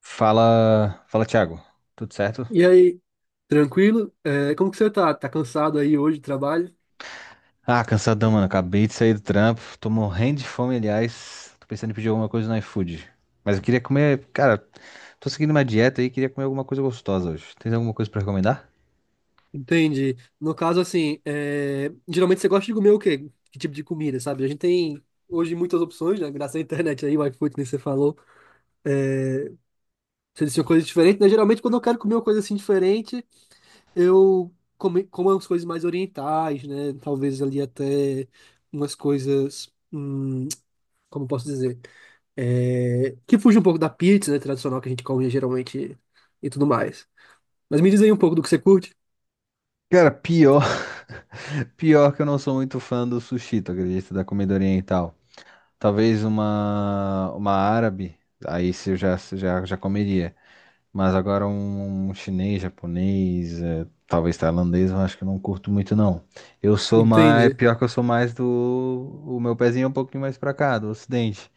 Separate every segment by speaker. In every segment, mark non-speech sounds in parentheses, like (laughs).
Speaker 1: Fala, fala, Thiago. Tudo certo?
Speaker 2: E aí, tranquilo? Como que você tá? Tá cansado aí hoje do trabalho?
Speaker 1: Ah, cansadão, mano. Acabei de sair do trampo. Tô morrendo de fome, aliás. Tô pensando em pedir alguma coisa no iFood. Mas eu queria comer, cara, tô seguindo uma dieta aí, queria comer alguma coisa gostosa hoje. Tem alguma coisa pra recomendar?
Speaker 2: Entendi. No caso, assim, geralmente você gosta de comer o quê? Que tipo de comida, sabe? A gente tem hoje muitas opções, né? Graças à internet aí, o iFood, nem você falou. Você disse coisas diferentes, né? Geralmente, quando eu quero comer uma coisa assim diferente, como umas coisas mais orientais, né? Talvez ali até umas coisas. Como eu posso dizer? É, que fuja um pouco da pizza, né? Tradicional que a gente come geralmente e tudo mais. Mas me diz aí um pouco do que você curte.
Speaker 1: Cara, pior. (laughs) Pior que eu não sou muito fã do sushi, tu acredita? Da comida oriental. Talvez uma árabe, aí se eu já comeria. Mas agora um chinês, japonês, talvez tailandês, eu acho que eu não curto muito não. Eu sou mais,
Speaker 2: Entende?
Speaker 1: pior que eu sou mais o meu pezinho é um pouquinho mais pra cá, do ocidente.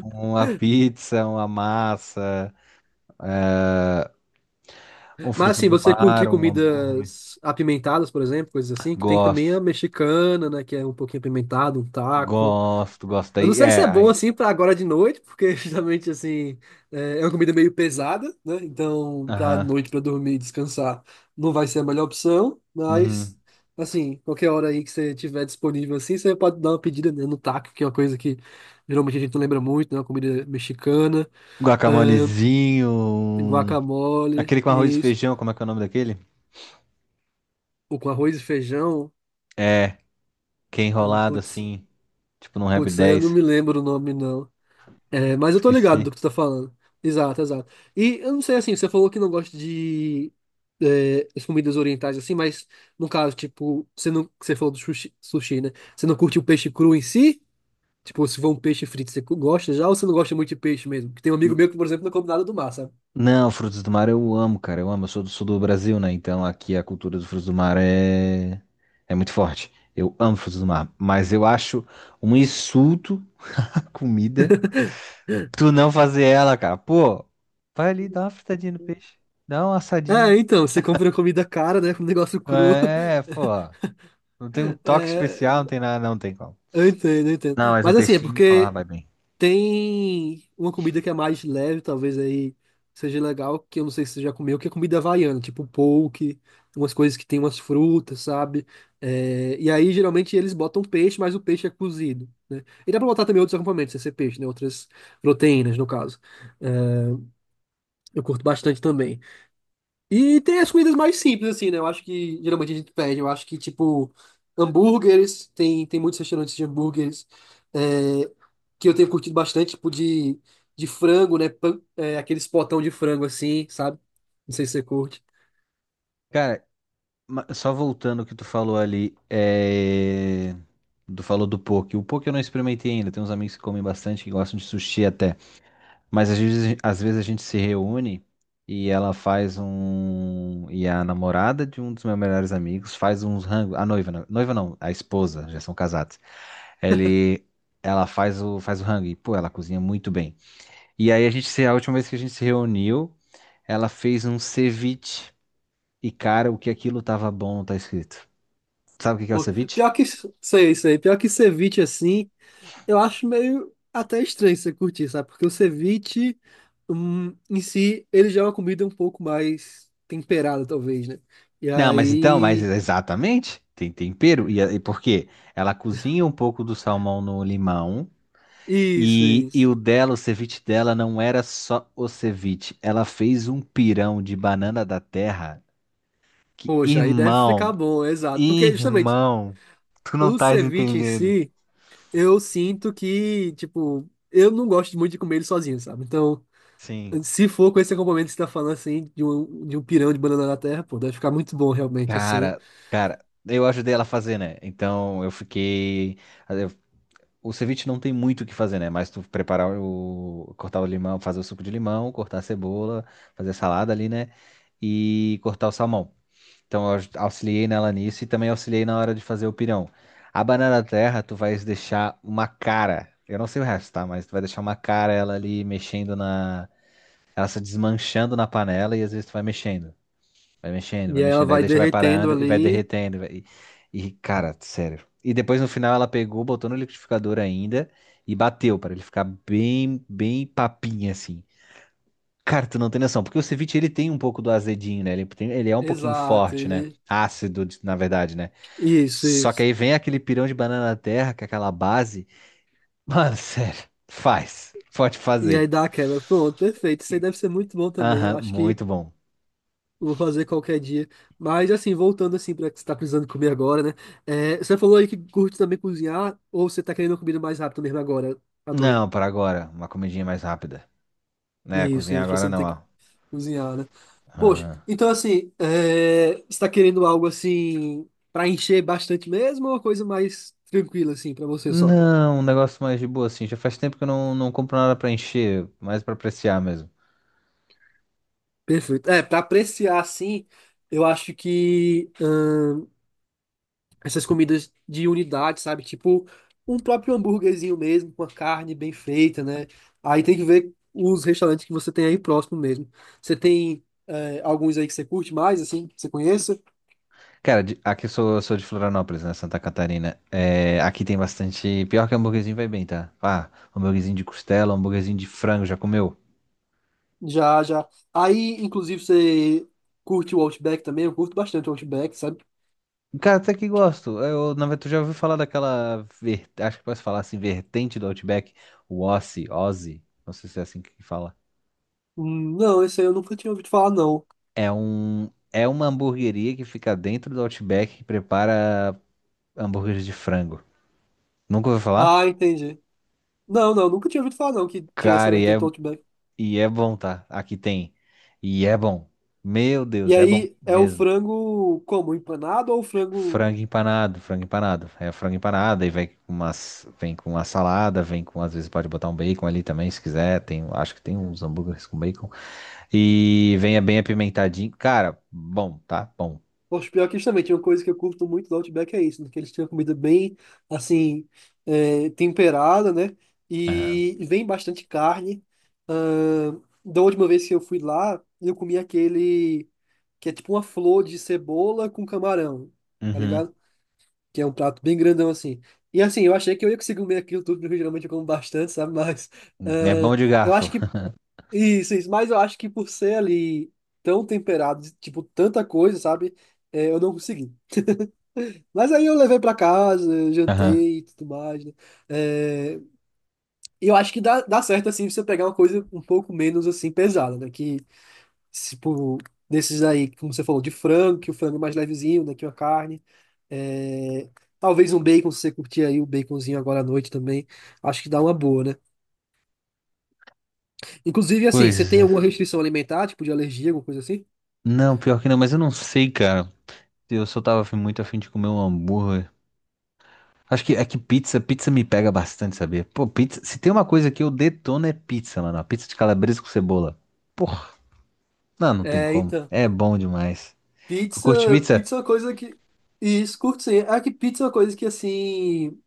Speaker 1: Uma pizza, uma massa, um
Speaker 2: Mas
Speaker 1: fruto
Speaker 2: assim,
Speaker 1: do
Speaker 2: você
Speaker 1: mar,
Speaker 2: curte
Speaker 1: um hambúrguer.
Speaker 2: comidas apimentadas, por exemplo, coisas assim, que tem também a
Speaker 1: Gosto,
Speaker 2: mexicana, né? Que é um pouquinho apimentado, um taco.
Speaker 1: gosto, gosto
Speaker 2: Eu não
Speaker 1: aí.
Speaker 2: sei se
Speaker 1: É,
Speaker 2: é bom
Speaker 1: aí.
Speaker 2: assim para agora de noite, porque (laughs) justamente assim é uma comida meio pesada, né? Então, para
Speaker 1: Aham.
Speaker 2: noite para dormir e descansar, não vai ser a melhor opção,
Speaker 1: Uhum.
Speaker 2: mas assim, qualquer hora aí que você tiver disponível assim, você pode dar uma pedida, né, no taco, que é uma coisa que geralmente a gente não lembra muito, né? Uma comida mexicana,
Speaker 1: Um
Speaker 2: ahn,
Speaker 1: guacamolezinho, um-
Speaker 2: guacamole
Speaker 1: aquele com arroz e
Speaker 2: e isso,
Speaker 1: feijão, como é que é o nome daquele?
Speaker 2: ou com arroz e feijão.
Speaker 1: É, que é enrolado
Speaker 2: Putz,
Speaker 1: assim, tipo num Rap
Speaker 2: putz, aí eu não
Speaker 1: dez,
Speaker 2: me lembro o nome não. É, mas eu tô ligado
Speaker 1: Esqueci.
Speaker 2: do que tu tá falando. Exato, exato. E eu não sei assim, você falou que não gosta de as comidas orientais assim, mas no caso, tipo, você não, você falou do sushi, né? Você não curte o peixe cru em si? Tipo, se for um peixe frito, você gosta já ou você não gosta muito de peixe mesmo? Porque tem um amigo meu que, por exemplo, não come nada do mar, sabe?
Speaker 1: Não, frutos do mar eu amo, cara. Eu amo. Eu sou do sul do Brasil, né? Então aqui a cultura dos frutos do mar é muito forte. Eu amo frutos do mar. Mas eu acho um insulto (laughs) à comida tu não fazer ela, cara. Pô, vai ali, dá uma fritadinha no peixe. Dá uma
Speaker 2: É,
Speaker 1: assadinha.
Speaker 2: então, você compra comida cara, né? Com um negócio cru.
Speaker 1: É, pô.
Speaker 2: (laughs)
Speaker 1: Não tem um toque especial,
Speaker 2: É,
Speaker 1: não tem nada, não tem como.
Speaker 2: eu entendo.
Speaker 1: Não, mas um
Speaker 2: Mas assim, é
Speaker 1: peixinho falar
Speaker 2: porque
Speaker 1: vai bem.
Speaker 2: tem uma comida que é mais leve, talvez aí seja legal, que eu não sei se você já comeu, que é comida havaiana, tipo poke, umas coisas que tem umas frutas, sabe? É, e aí geralmente eles botam peixe, mas o peixe é cozido, né? E dá pra botar também outros acompanhamentos, sem ser peixe, né? Outras proteínas, no caso. É, eu curto bastante também. E tem as comidas mais simples, assim, né? Eu acho que geralmente a gente pede. Eu acho que, tipo, tem muitos restaurantes de hambúrgueres. É, que eu tenho curtido bastante, de frango, né? Aqueles potão de frango assim, sabe? Não sei se você curte.
Speaker 1: Cara, só voltando ao que tu falou ali, tu falou do poke. O poke eu não experimentei ainda. Tem uns amigos que comem bastante, que gostam de sushi até. Mas às vezes a gente se reúne e ela faz um. E a namorada de um dos meus melhores amigos faz uns rango. A noiva, não. Noiva não, a esposa, já são casados. Ele. Faz o rango e, pô, ela cozinha muito bem. E aí a gente, se- a última vez que a gente se reuniu, ela fez um ceviche. E, cara, o que aquilo tava bom, tá escrito. Sabe o que que é o
Speaker 2: Pô,
Speaker 1: ceviche?
Speaker 2: pior que sei. Pior que ceviche assim, eu acho meio até estranho você curtir, sabe? Porque o ceviche em si, ele já é uma comida um pouco mais temperada, talvez, né? E
Speaker 1: Não, mas então, mas
Speaker 2: aí.
Speaker 1: exatamente, tem tempero. E por quê? Ela cozinha um pouco do salmão no limão.
Speaker 2: Isso,
Speaker 1: E
Speaker 2: isso.
Speaker 1: o dela, o ceviche dela, não era só o ceviche. Ela fez um pirão de banana da terra. Que,
Speaker 2: Poxa, aí deve
Speaker 1: irmão,
Speaker 2: ficar bom, exato. Porque justamente
Speaker 1: irmão, tu não
Speaker 2: o
Speaker 1: estás
Speaker 2: ceviche em
Speaker 1: entendendo.
Speaker 2: si. Eu sinto que, tipo, eu não gosto muito de comer ele sozinho, sabe? Então,
Speaker 1: Sim.
Speaker 2: se for com esse acompanhamento que você tá falando, assim, de um pirão de banana da terra, pô, deve ficar muito bom, realmente, assim.
Speaker 1: Cara, cara, eu ajudei ela a fazer, né? Então eu fiquei. O ceviche não tem muito o que fazer, né? Mas tu preparar o. Cortar o limão, fazer o suco de limão, cortar a cebola, fazer a salada ali, né? E cortar o salmão. Então eu auxiliei nela nisso e também auxiliei na hora de fazer o pirão. A banana terra, tu vais deixar uma cara. Eu não sei o resto, tá? Mas tu vai deixar uma cara ela ali mexendo na. Ela se desmanchando na panela e às vezes tu vai mexendo. Vai mexendo, vai
Speaker 2: E aí ela
Speaker 1: mexendo. Aí
Speaker 2: vai
Speaker 1: deixa, vai
Speaker 2: derretendo
Speaker 1: parando e vai
Speaker 2: ali.
Speaker 1: derretendo. E, cara, sério. E depois no final ela pegou, botou no liquidificador ainda e bateu para ele ficar bem, bem papinha assim. Cara, tu não tem noção, porque o ceviche ele tem um pouco do azedinho, né? Ele é um pouquinho
Speaker 2: Exato,
Speaker 1: forte, né?
Speaker 2: ele.
Speaker 1: Ácido, na verdade, né?
Speaker 2: Isso,
Speaker 1: Só que
Speaker 2: isso.
Speaker 1: aí vem aquele pirão de banana terra, que é aquela base. (laughs) Mano, sério, faz. Pode
Speaker 2: E aí
Speaker 1: fazer.
Speaker 2: dá a quebra. Pronto, perfeito. Isso aí
Speaker 1: Que-
Speaker 2: deve ser muito bom também. Eu
Speaker 1: aham,
Speaker 2: acho que
Speaker 1: muito bom.
Speaker 2: eu vou fazer qualquer dia. Mas, assim, voltando, assim, pra que você tá precisando comer agora, né? É, você falou aí que curte também cozinhar, ou você tá querendo comida mais rápido mesmo agora, à noite?
Speaker 1: Não, para agora, uma comidinha mais rápida. É,
Speaker 2: Isso,
Speaker 1: cozinhar
Speaker 2: isso, pra você
Speaker 1: agora
Speaker 2: não
Speaker 1: não,
Speaker 2: ter que
Speaker 1: ó.
Speaker 2: cozinhar, né? Poxa,
Speaker 1: Ah.
Speaker 2: então assim, é... Você está querendo algo assim para encher bastante mesmo ou uma coisa mais tranquila assim para você só?
Speaker 1: Não, um negócio mais de boa, assim. Já faz tempo que eu não compro nada pra encher, mais pra apreciar mesmo.
Speaker 2: Perfeito. É, para apreciar assim, eu acho que essas comidas de unidade, sabe? Tipo um próprio hambúrguerzinho mesmo, com a carne bem feita, né? Aí tem que ver os restaurantes que você tem aí próximo mesmo. Você tem alguns aí que você curte mais, assim, que você conheça?
Speaker 1: Cara, aqui eu sou de Florianópolis, né? Santa Catarina. É, aqui tem bastante. Pior que hambúrguerzinho vai bem, tá? Ah, hambúrguerzinho de costela, hambúrguerzinho de frango, já comeu?
Speaker 2: Já, já. Aí, inclusive, você curte o Outback também? Eu curto bastante o Outback, sabe?
Speaker 1: Cara, até que gosto. Eu, na verdade, tu já ouviu falar daquela. Acho que posso falar assim, vertente do Outback, o Ossi, Ozzy. Não sei se é assim que fala.
Speaker 2: Não, esse aí eu nunca tinha ouvido falar, não.
Speaker 1: É um. É uma hamburgueria que fica dentro do Outback que prepara hambúrguer de frango. Nunca ouviu falar?
Speaker 2: Ah, entendi. Não, não, nunca tinha ouvido falar, não, que tinha essa
Speaker 1: Cara,
Speaker 2: vertente do Outback.
Speaker 1: e é bom, tá? Aqui tem. E é bom. Meu
Speaker 2: E
Speaker 1: Deus, é bom
Speaker 2: aí, é o
Speaker 1: mesmo.
Speaker 2: frango como? Empanado ou o frango.
Speaker 1: Frango empanado, frango empanado. É frango empanado, aí vem com umas, vem com uma salada, vem com, às vezes pode botar um bacon ali também, se quiser. Tem, acho que tem uns hambúrgueres com bacon. E venha bem apimentadinho. Cara, bom, tá? Bom.
Speaker 2: Poxa, pior que isso também. Tinha uma coisa que eu curto muito do Outback, é isso, né? Que eles tinham comida bem, assim, temperada, né?
Speaker 1: Aham.
Speaker 2: E vem bastante carne. Da última vez que eu fui lá, eu comi aquele. Que é tipo uma flor de cebola com camarão, tá
Speaker 1: Uhum.
Speaker 2: ligado? Que é um prato bem grandão assim. E assim, eu achei que eu ia conseguir comer aquilo tudo, porque geralmente eu como bastante, sabe? (laughs) Mas ah,
Speaker 1: É bom de
Speaker 2: eu acho
Speaker 1: garfo.
Speaker 2: que. Isso, mas eu acho que por ser ali tão temperado, de, tipo, tanta coisa, sabe? É, eu não consegui. Mas aí eu levei pra casa, eu
Speaker 1: Aham.
Speaker 2: jantei e tudo mais, né? É, e eu acho que dá certo, assim, você pegar uma coisa um pouco menos, assim, pesada, né? Que, tipo, desses aí, como você falou, de frango, que o frango é mais levezinho, né? Que uma carne. É, talvez um bacon, se você curtir aí o baconzinho agora à noite também, acho que dá uma boa, né? Inclusive, assim, você
Speaker 1: Pois,
Speaker 2: tem alguma
Speaker 1: é.
Speaker 2: restrição alimentar, tipo de alergia, alguma coisa assim?
Speaker 1: Não, pior que não, mas eu não sei, cara. Eu só tava muito afim de comer um hambúrguer. Acho que é que pizza, pizza me pega bastante, sabia? Pô, pizza, se tem uma coisa que eu detono é pizza, mano. A pizza de calabresa com cebola. Porra, não tem
Speaker 2: É,
Speaker 1: como.
Speaker 2: então,
Speaker 1: É bom demais. Tu curte
Speaker 2: pizza,
Speaker 1: pizza?
Speaker 2: pizza é uma coisa que. Isso, curto sim. É que pizza é uma coisa que, assim.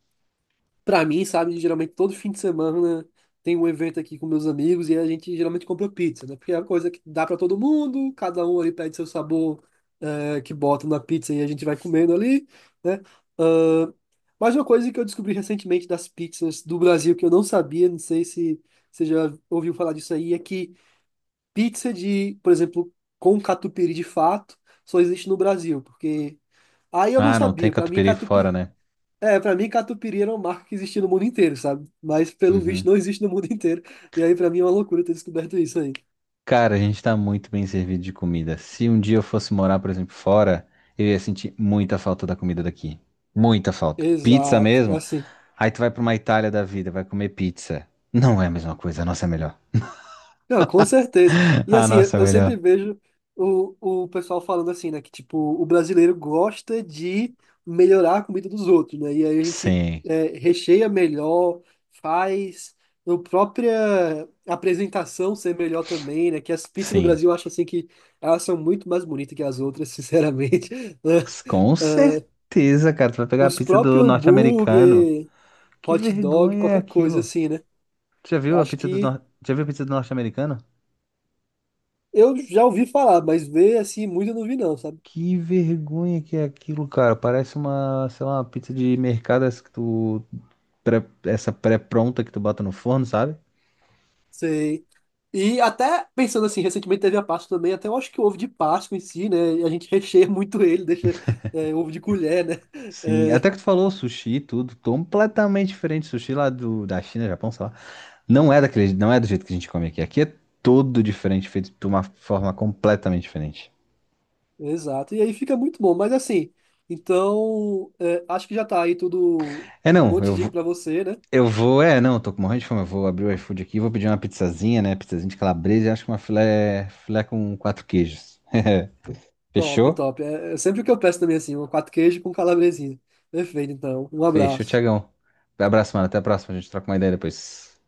Speaker 2: Pra mim, sabe, geralmente todo fim de semana tem um evento aqui com meus amigos e a gente geralmente compra pizza, né? Porque é uma coisa que dá pra todo mundo, cada um ali pede seu sabor que bota na pizza e a gente vai comendo ali, né? Ahn, mas uma coisa que eu descobri recentemente das pizzas do Brasil que eu não sabia, não sei se você já ouviu falar disso aí, é que pizza de, por exemplo, com catupiry de fato, só existe no Brasil, porque aí eu não
Speaker 1: Ah, não tem
Speaker 2: sabia. Pra mim,
Speaker 1: catupiry fora,
Speaker 2: catupiry
Speaker 1: né?
Speaker 2: pra mim, catupiry era uma marca que existia no mundo inteiro, sabe? Mas, pelo visto,
Speaker 1: Uhum.
Speaker 2: não existe no mundo inteiro. E aí, pra mim, é uma loucura ter descoberto isso aí.
Speaker 1: Cara, a gente tá muito bem servido de comida. Se um dia eu fosse morar, por exemplo, fora, eu ia sentir muita falta da comida daqui. Muita falta. Pizza
Speaker 2: Exato, é
Speaker 1: mesmo?
Speaker 2: assim.
Speaker 1: Aí tu vai pra uma Itália da vida, vai comer pizza. Não é a mesma coisa, a nossa é melhor.
Speaker 2: Não, com certeza.
Speaker 1: (laughs)
Speaker 2: E,
Speaker 1: A
Speaker 2: assim, eu
Speaker 1: nossa é
Speaker 2: eu sempre
Speaker 1: melhor.
Speaker 2: vejo o pessoal falando assim, né? Que, tipo, o brasileiro gosta de melhorar a comida dos outros, né? E aí a gente
Speaker 1: Sim,
Speaker 2: recheia melhor, faz a própria apresentação ser melhor também, né? Que as pizzas do
Speaker 1: sim.
Speaker 2: Brasil, eu acho, assim, que elas são muito mais bonitas que as outras, sinceramente. (laughs)
Speaker 1: Com certeza, cara. Tu vai pegar a
Speaker 2: Os
Speaker 1: pizza do
Speaker 2: próprios
Speaker 1: norte-americano.
Speaker 2: hambúrguer,
Speaker 1: Que
Speaker 2: hot dog,
Speaker 1: vergonha é
Speaker 2: qualquer coisa
Speaker 1: aquilo?
Speaker 2: assim, né?
Speaker 1: Tu já
Speaker 2: Eu
Speaker 1: viu a
Speaker 2: acho
Speaker 1: pizza do
Speaker 2: que
Speaker 1: norte... Já viu a pizza do norte-americano?
Speaker 2: eu já ouvi falar, mas ver assim muito eu não vi não, sabe?
Speaker 1: Que vergonha que é aquilo, cara. Parece uma, sei lá, uma pizza de mercado essa que tu essa pré-pronta que tu bota no forno, sabe?
Speaker 2: Sei. E até pensando assim, recentemente teve a Páscoa também, até eu acho que o ovo de Páscoa em si, né? A gente (laughs) recheia muito ele, deixa ovo de colher, né?
Speaker 1: Sim,
Speaker 2: É,
Speaker 1: até que tu falou sushi, e tudo, completamente diferente. Sushi lá do, da China, Japão, sei lá. Não é daquele, não é do jeito que a gente come aqui. Aqui é todo diferente, feito de uma forma completamente diferente.
Speaker 2: exato. E aí fica muito bom, mas assim, então é, acho que já tá aí tudo
Speaker 1: É,
Speaker 2: um
Speaker 1: não,
Speaker 2: monte de dica pra você, né?
Speaker 1: eu vou, não, tô com morrendo de fome. Eu vou abrir o iFood aqui, vou pedir uma pizzazinha, né? Pizzazinha de calabresa e acho que uma filé, filé com quatro queijos. (laughs)
Speaker 2: Top,
Speaker 1: Fechou?
Speaker 2: top. É, é sempre o que eu peço também assim, um quatro queijo com calabresinha. Perfeito, então. Um
Speaker 1: Fechou,
Speaker 2: abraço.
Speaker 1: Tiagão. Abraço, mano. Até a próxima. A gente troca uma ideia depois.